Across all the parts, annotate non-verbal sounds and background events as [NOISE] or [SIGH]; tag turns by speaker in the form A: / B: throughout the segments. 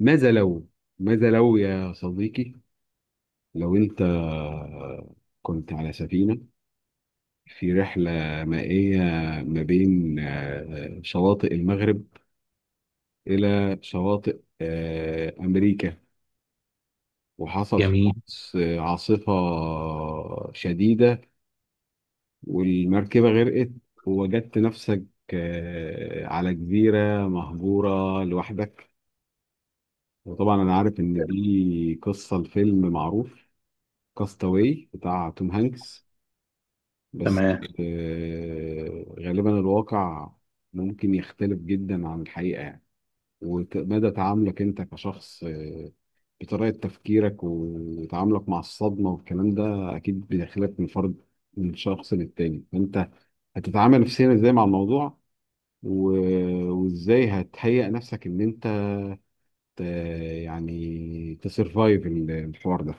A: ماذا لو ماذا لو يا صديقي، لو انت كنت على سفينة في رحلة مائية ما بين شواطئ المغرب إلى شواطئ أمريكا، وحصل في
B: جميل.
A: القدس عاصفة شديدة والمركبة غرقت، ووجدت نفسك على جزيرة مهجورة لوحدك. وطبعا أنا عارف إن دي قصة الفيلم معروف كاستاوي بتاع توم هانكس. بس
B: تمام.
A: غالبا الواقع ممكن يختلف جدا عن الحقيقة يعني، ومدى تعاملك انت كشخص بطريقة تفكيرك وتعاملك مع الصدمة والكلام ده أكيد بيختلف من فرد، من شخص للتاني. فأنت هتتعامل نفسيا ازاي مع الموضوع؟ وازاي هتهيئ نفسك ان انت ت- يعني تسرفايف الحوار ده؟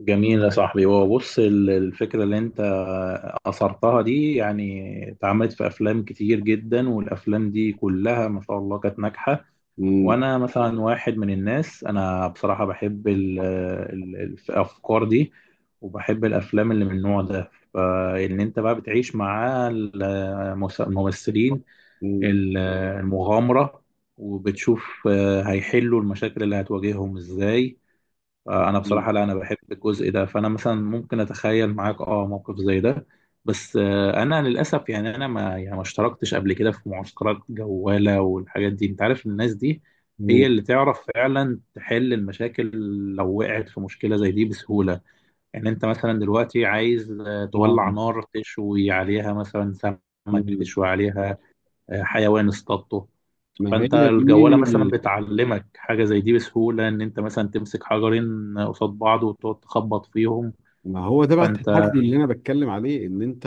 B: جميل يا صاحبي، هو بص الفكرة اللي انت أثرتها دي يعني اتعملت في أفلام كتير جدا، والأفلام دي كلها ما شاء الله كانت ناجحة.
A: مم.
B: وأنا مثلا واحد من الناس، أنا بصراحة بحب الأفكار دي وبحب الأفلام اللي من النوع ده، فإن أنت بقى بتعيش مع الممثلين،
A: مم.
B: ال- المغامرة، وبتشوف هيحلوا المشاكل اللي هتواجههم ازاي. انا
A: مم.
B: بصراحه، لا، انا بحب الجزء ده، فانا مثلا ممكن اتخيل معاك موقف زي ده. بس انا للاسف، يعني انا ما اشتركتش قبل كده في معسكرات جواله والحاجات دي، انت عارف الناس دي هي
A: مم.
B: اللي تعرف فعلا تحل المشاكل لو وقعت في مشكله زي دي بسهوله. يعني انت مثلا دلوقتي عايز
A: آه.
B: تولع نار، تشوي عليها مثلا سمك،
A: مم.
B: تشوي عليها حيوان اصطادته.
A: ما هي
B: فانت الجواله مثلا
A: دي.
B: بتعلمك حاجه زي دي بسهوله، ان انت مثلا تمسك حجرين قصاد بعض وتقعد تخبط فيهم.
A: ما هو ده بقى
B: فانت
A: التحدي اللي انا بتكلم عليه، ان انت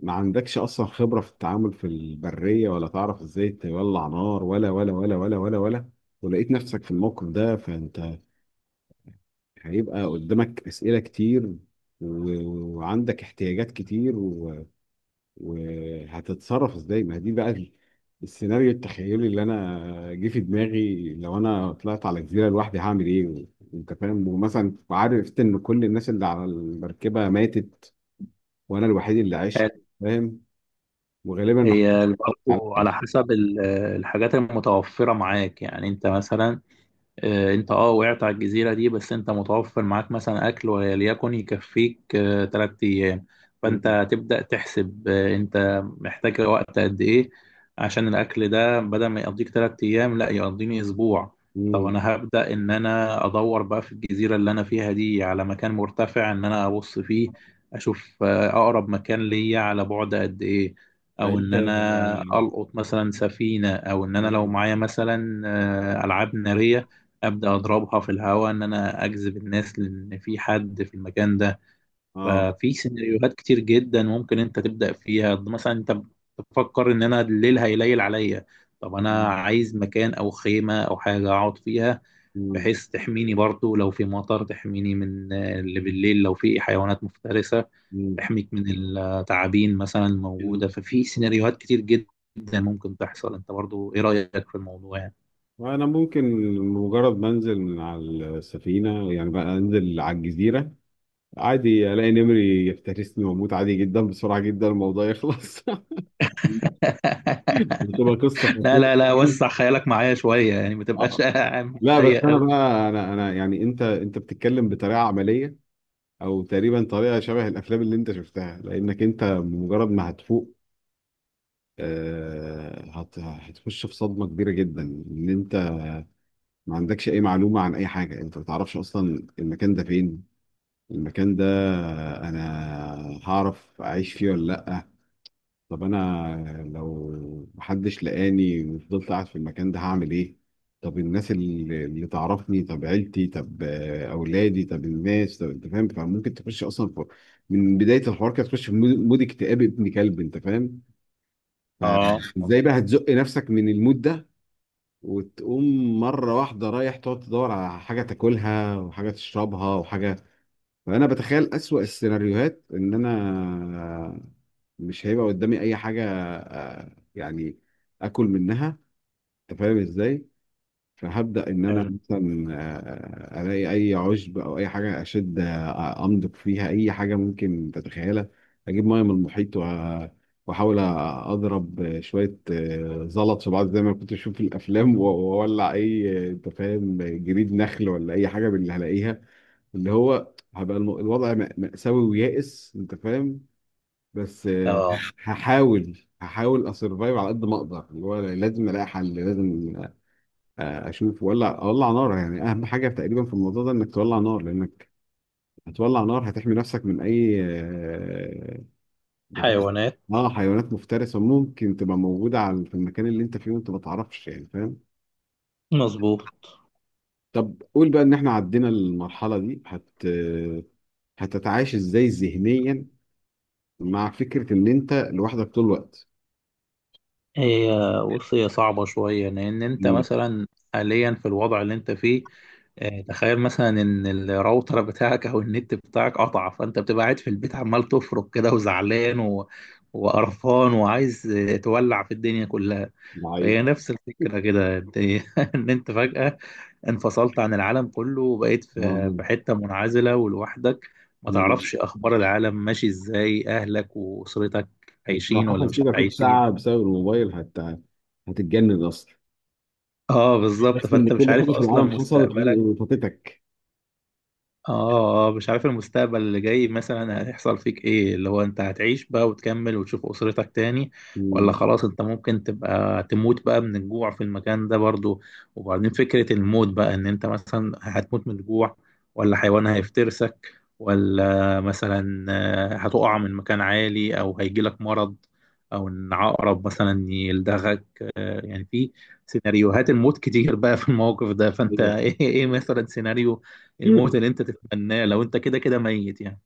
A: ما عندكش اصلا خبرة في التعامل في البرية، ولا تعرف ازاي تولع نار، ولا ولا ولا ولا ولا ولا، ولقيت نفسك في الموقف ده. فانت هيبقى قدامك اسئلة كتير، وعندك احتياجات كتير، وهتتصرف ازاي؟ ما دي بقى السيناريو التخيلي اللي انا جه في دماغي، لو انا طلعت على جزيرة لوحدي هعمل ايه. انت فاهم؟ ومثلا عارف ان كل الناس اللي على المركبة ماتت وانا الوحيد اللي عشت، فاهم؟ وغالبا ما
B: هي
A: حدش بيطلع
B: برضه على
A: عليا.
B: حسب الحاجات المتوفره معاك. يعني انت مثلا آه، انت اه وقعت على الجزيرة دي، بس انت متوفر معاك مثلا اكل وليكن يكفيك تلات ايام،
A: مم.
B: فانت تبدأ تحسب انت محتاج وقت قد ايه، عشان الاكل ده بدل ما يقضيك تلات ايام لا يقضيني اسبوع. طب
A: مم.
B: انا هبدأ ان انا ادور بقى في الجزيرة اللي انا فيها دي على مكان مرتفع ان انا ابص فيه، اشوف اقرب مكان ليا على بعد قد ايه،
A: ده
B: او
A: انت
B: ان
A: اه.
B: انا القط مثلا سفينة، او ان انا لو معايا مثلا العاب نارية ابدا اضربها في الهواء ان انا اجذب الناس لان في حد في المكان ده.
A: آه، آه.
B: ففي سيناريوهات كتير جدا ممكن انت تبدا فيها، مثلا انت بتفكر ان انا الليل هيليل عليا، طب انا
A: مم.
B: عايز مكان او خيمه او حاجه اقعد فيها
A: مم.
B: بحيث تحميني برضو لو في مطر، تحميني من اللي بالليل لو في حيوانات مفترسه،
A: مم.
B: تحميك من التعابين مثلا
A: مم.
B: الموجوده. ففي سيناريوهات كتير جدا ممكن تحصل. انت برضو ايه رايك في الموضوع يعني؟
A: انا ممكن مجرد ما انزل من على السفينه، يعني بقى انزل على الجزيره، عادي الاقي نمري يفترسني واموت عادي جدا، بسرعه جدا الموضوع يخلص [LAUGHS] بتبقى قصه
B: [LAUGHS] لا،
A: خطيره
B: لا، لا، وسع
A: [LAUGHS]
B: خيالك معايا شوية يعني، ما تبقاش [LAUGHS]
A: آه.
B: عامل
A: لا بس
B: ضيق
A: انا
B: أوي.
A: بقى، انا يعني، انت بتتكلم بطريقه عمليه او تقريبا طريقه شبه الافلام اللي انت شفتها. لانك انت مجرد ما هتفوق، هتخش في صدمه كبيره جدا. ان انت ما عندكش اي معلومه عن اي حاجه، انت ما تعرفش اصلا المكان ده فين. المكان ده انا هعرف اعيش فيه ولا لا؟ طب انا لو محدش لقاني وفضلت قاعد في المكان ده هعمل ايه؟ طب الناس اللي تعرفني؟ طب عيلتي؟ طب اولادي؟ طب الناس؟ طب، انت فاهم؟ فممكن تخش اصلا في، من بدايه الحوار كده تخش في مود اكتئاب ابن كلب، انت فاهم؟
B: اه،
A: فازاي
B: مظبوط.
A: بقى هتزق نفسك من المود ده وتقوم مره واحده رايح تقعد تدور على حاجه تاكلها وحاجه تشربها وحاجه. فانا بتخيل اسوأ السيناريوهات، ان انا مش هيبقى قدامي اي حاجه يعني اكل منها، انت فاهم ازاي؟ فهبدا ان انا
B: حلو.
A: مثلا الاقي اي عشب او اي حاجه اشد، امضغ فيها اي حاجه ممكن تتخيلها، اجيب ميه من المحيط، واحاول اضرب شويه زلط في بعض زي ما كنت بشوف في الافلام، واولع اي انت فاهم جريد نخل ولا اي حاجه من اللي هلاقيها. اللي هو هبقى الوضع مأساوي ويائس، انت فاهم؟ بس
B: اه.
A: هحاول اسرفايف على قد ما اقدر. اللي هو لازم الاقي حل، لازم اشوف ولا اولع نار. يعني اهم حاجه تقريبا في الموضوع ده انك تولع نار، لانك هتولع نار هتحمي نفسك من اي بت-
B: حيوانات.
A: حيوانات مفترسه ممكن تبقى موجوده على في المكان اللي انت فيه وانت ما تعرفش، يعني فاهم؟
B: مظبوط.
A: طب قول بقى ان احنا عدينا المرحله دي، هتتعايش ازاي ذهنيا مع فكرة إن أنت لوحدك طول الوقت؟
B: هي بص، هي صعبة شوية لأن أنت
A: مم.
B: مثلا حاليا في الوضع اللي أنت فيه. تخيل مثلا إن الراوتر بتاعك أو النت بتاعك قطع، فأنت بتبقى قاعد في البيت عمال تفرك كده وزعلان وقرفان وعايز تولع في الدنيا كلها.
A: معايا.
B: فهي نفس الفكرة
A: [LAUGHS]
B: كده، أنت [LAUGHS] إن أنت فجأة انفصلت عن العالم كله وبقيت في
A: آه.
B: في حتة منعزلة ولوحدك، ما تعرفش
A: مش
B: أخبار العالم ماشي إزاي، أهلك وأسرتك
A: أنت لو
B: عايشين ولا
A: حصل
B: مش
A: كده فيك
B: عايشين.
A: ساعة بسبب الموبايل هتتجنن أصلا؟
B: اه، بالظبط،
A: بس إن
B: فأنت مش
A: كل
B: عارف
A: حاجة في
B: أصلا
A: العالم حصلت
B: مستقبلك.
A: وفاتتك.
B: اه، مش عارف المستقبل اللي جاي مثلا هيحصل فيك ايه، اللي هو انت هتعيش بقى وتكمل وتشوف اسرتك تاني،
A: مم.
B: ولا خلاص انت ممكن تبقى تموت بقى من الجوع في المكان ده برضو. وبعدين فكرة الموت بقى ان انت مثلا هتموت من الجوع، ولا حيوان هيفترسك، ولا مثلا هتقع من مكان عالي، او هيجيلك مرض، او ان عقرب مثلا يلدغك. يعني في سيناريوهات الموت كتير بقى في الموقف ده. فانت [LAUGHS] ايه
A: [LAUGHS]
B: ايه مثلا سيناريو
A: أيوة.
B: الموت اللي انت تتمناه لو انت كده كده ميت يعني؟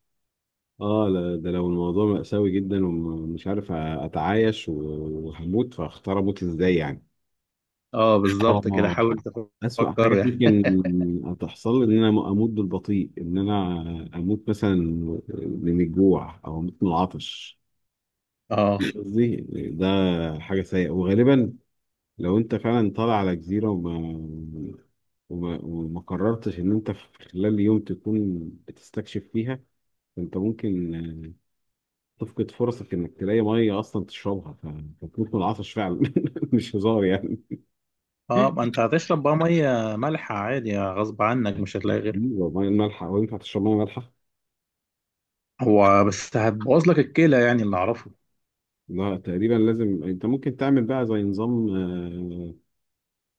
A: اه لا، ده لو الموضوع مأساوي جدا ومش عارف أتعايش وهموت، فاختار أموت إزاي يعني.
B: اه، بالظبط كده،
A: اه
B: حاول
A: أسوأ
B: تفكر
A: حاجة
B: يعني [LAUGHS]
A: ممكن تحصل إن أنا أموت بالبطيء، إن أنا أموت مثلا من الجوع أو أموت من العطش.
B: اه،
A: قصدي ده حاجة سيئة. وغالبا لو أنت فعلا طالع على جزيرة وما قررتش إن أنت في خلال يوم تكون بتستكشف فيها، أنت ممكن تفقد فرصك إنك تلاقي مية أصلا تشربها، فتموت من العطش فعلا [LAUGHS] مش هزار يعني.
B: اه، ما
A: [LAUGHS]
B: انت هتشرب بقى ميه مالحه عادي غصب عنك، مش هتلاقي غيرها.
A: مية مالحة؟ وينفع تشرب مية مالحة؟
B: هو بس هتبوظ لك الكلى يعني اللي اعرفه.
A: لا تقريبا لازم، انت ممكن تعمل بقى زي نظام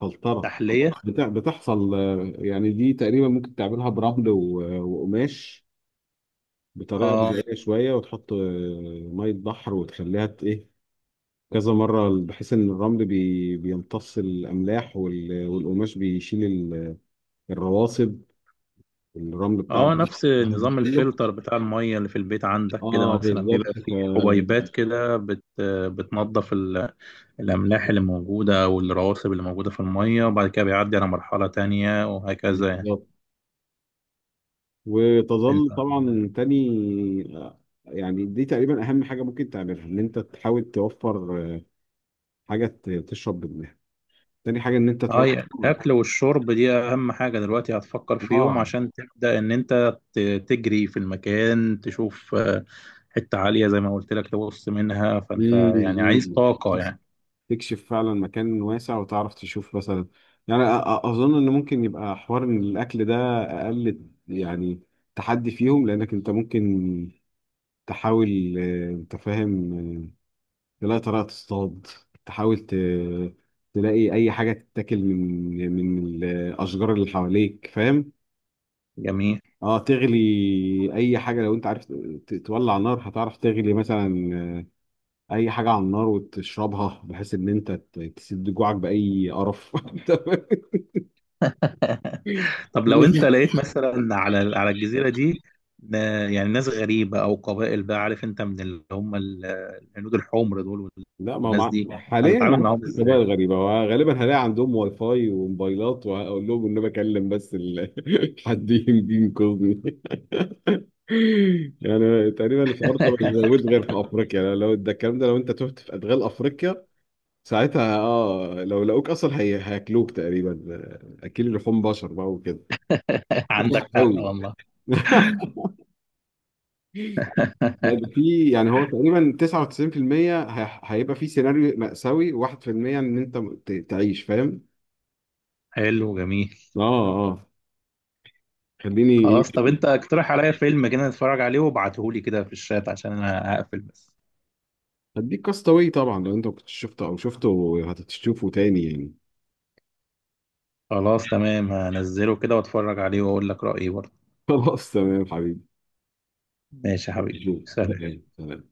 A: فلترة
B: تحليه.
A: بتاع بتحصل، يعني دي تقريبا ممكن تعملها برمل وقماش بطريقة
B: اه،
A: بدائية شوية، وتحط مية بحر وتخليها ايه، كذا مرة، بحيث ان الرمل بيمتص الاملاح والقماش بيشيل الرواسب، الرمل بتاع
B: اه، نفس
A: الرمل
B: نظام
A: كله.
B: الفلتر بتاع الميه اللي في البيت عندك كده،
A: اه
B: مثلا بيبقى
A: بالظبط.
B: فيه حبيبات كده بتنظف الاملاح اللي موجوده والرواسب اللي موجوده في الميه، وبعد كده بيعدي على مرحله تانية وهكذا يعني. انت
A: وتظل طبعا تاني آه، يعني دي تقريبا اهم حاجه ممكن تعملها، ان انت تحاول توفر حاجه تشرب منها. تاني حاجه ان انت
B: اه يعني
A: توفر.
B: الاكل والشرب دي اهم حاجه دلوقتي، هتفكر في يوم
A: اه.
B: عشان تبدا ان انت تجري في المكان، تشوف حته عاليه زي ما قلت لك تبص منها، فانت
A: مم،
B: يعني عايز
A: مم.
B: طاقه يعني.
A: تكشف فعلا مكان واسع وتعرف تشوف مثلا، يعني اظن ان ممكن يبقى حوار ان الاكل ده اقل يعني تحدي فيهم، لانك انت ممكن تحاول انت فاهم تلاقي طريقة تصطاد، تحاول تلاقي أي حاجة تتاكل من الأشجار اللي حواليك، فاهم؟
B: جميل.
A: اه تغلي أي حاجة. لو أنت عارف تولع نار، هتعرف تغلي مثلا أي حاجة على النار وتشربها، بحيث إن أنت تسد جوعك بأي قرف [LAUGHS]
B: [LAUGHS] طب لو انت لقيت مثلا على الجزيره دي ن- يعني ناس غريبه او قبائل، بقى عارف انت من اللي هم الهنود الحمر دول،
A: لا ما هو
B: والناس دي
A: حاليا ما
B: هتتعامل
A: عادش
B: معاهم
A: في
B: ازاي؟
A: موبايل. غريبة، هو غالبا هلاقي عندهم واي فاي وموبايلات، وهقول لهم إن أنا بكلم بس [LAUGHS] حد يجي ينقذني. يعني تقريبا الحوار ده مش
B: [LAUGHS]
A: موجود غير في افريقيا. لو ده الكلام ده، لو انت تهت في ادغال افريقيا، ساعتها لو لقوك اصلا، هياكلوك تقريبا. اكل لحوم بشر بقى وكده
B: عندك حق
A: قوي
B: والله.
A: [LAUGHS] لا ده
B: [LAUGHS]
A: في، يعني هو تقريبا 99% هي... هيبقى في سيناريو مأساوي، 1% ان انت تعيش، فاهم؟
B: حلو، جميل.
A: اه، اه، خليني ايه.
B: خلاص، طب انت اقترح عليا فيلم كده نتفرج عليه وابعتهولي كده في الشات عشان انا هقفل بس.
A: هديك كاستاوي طبعا، لو انت ما كنتش شفته او شفته هتشوفه تاني يعني.
B: خلاص تمام، هنزله كده واتفرج عليه واقول لك رأيي برضه.
A: [LAUGHS] خلاص تمام حبيبي.
B: ماشي يا حبيبي.
A: شوف.
B: سلام.
A: تمام، تمام.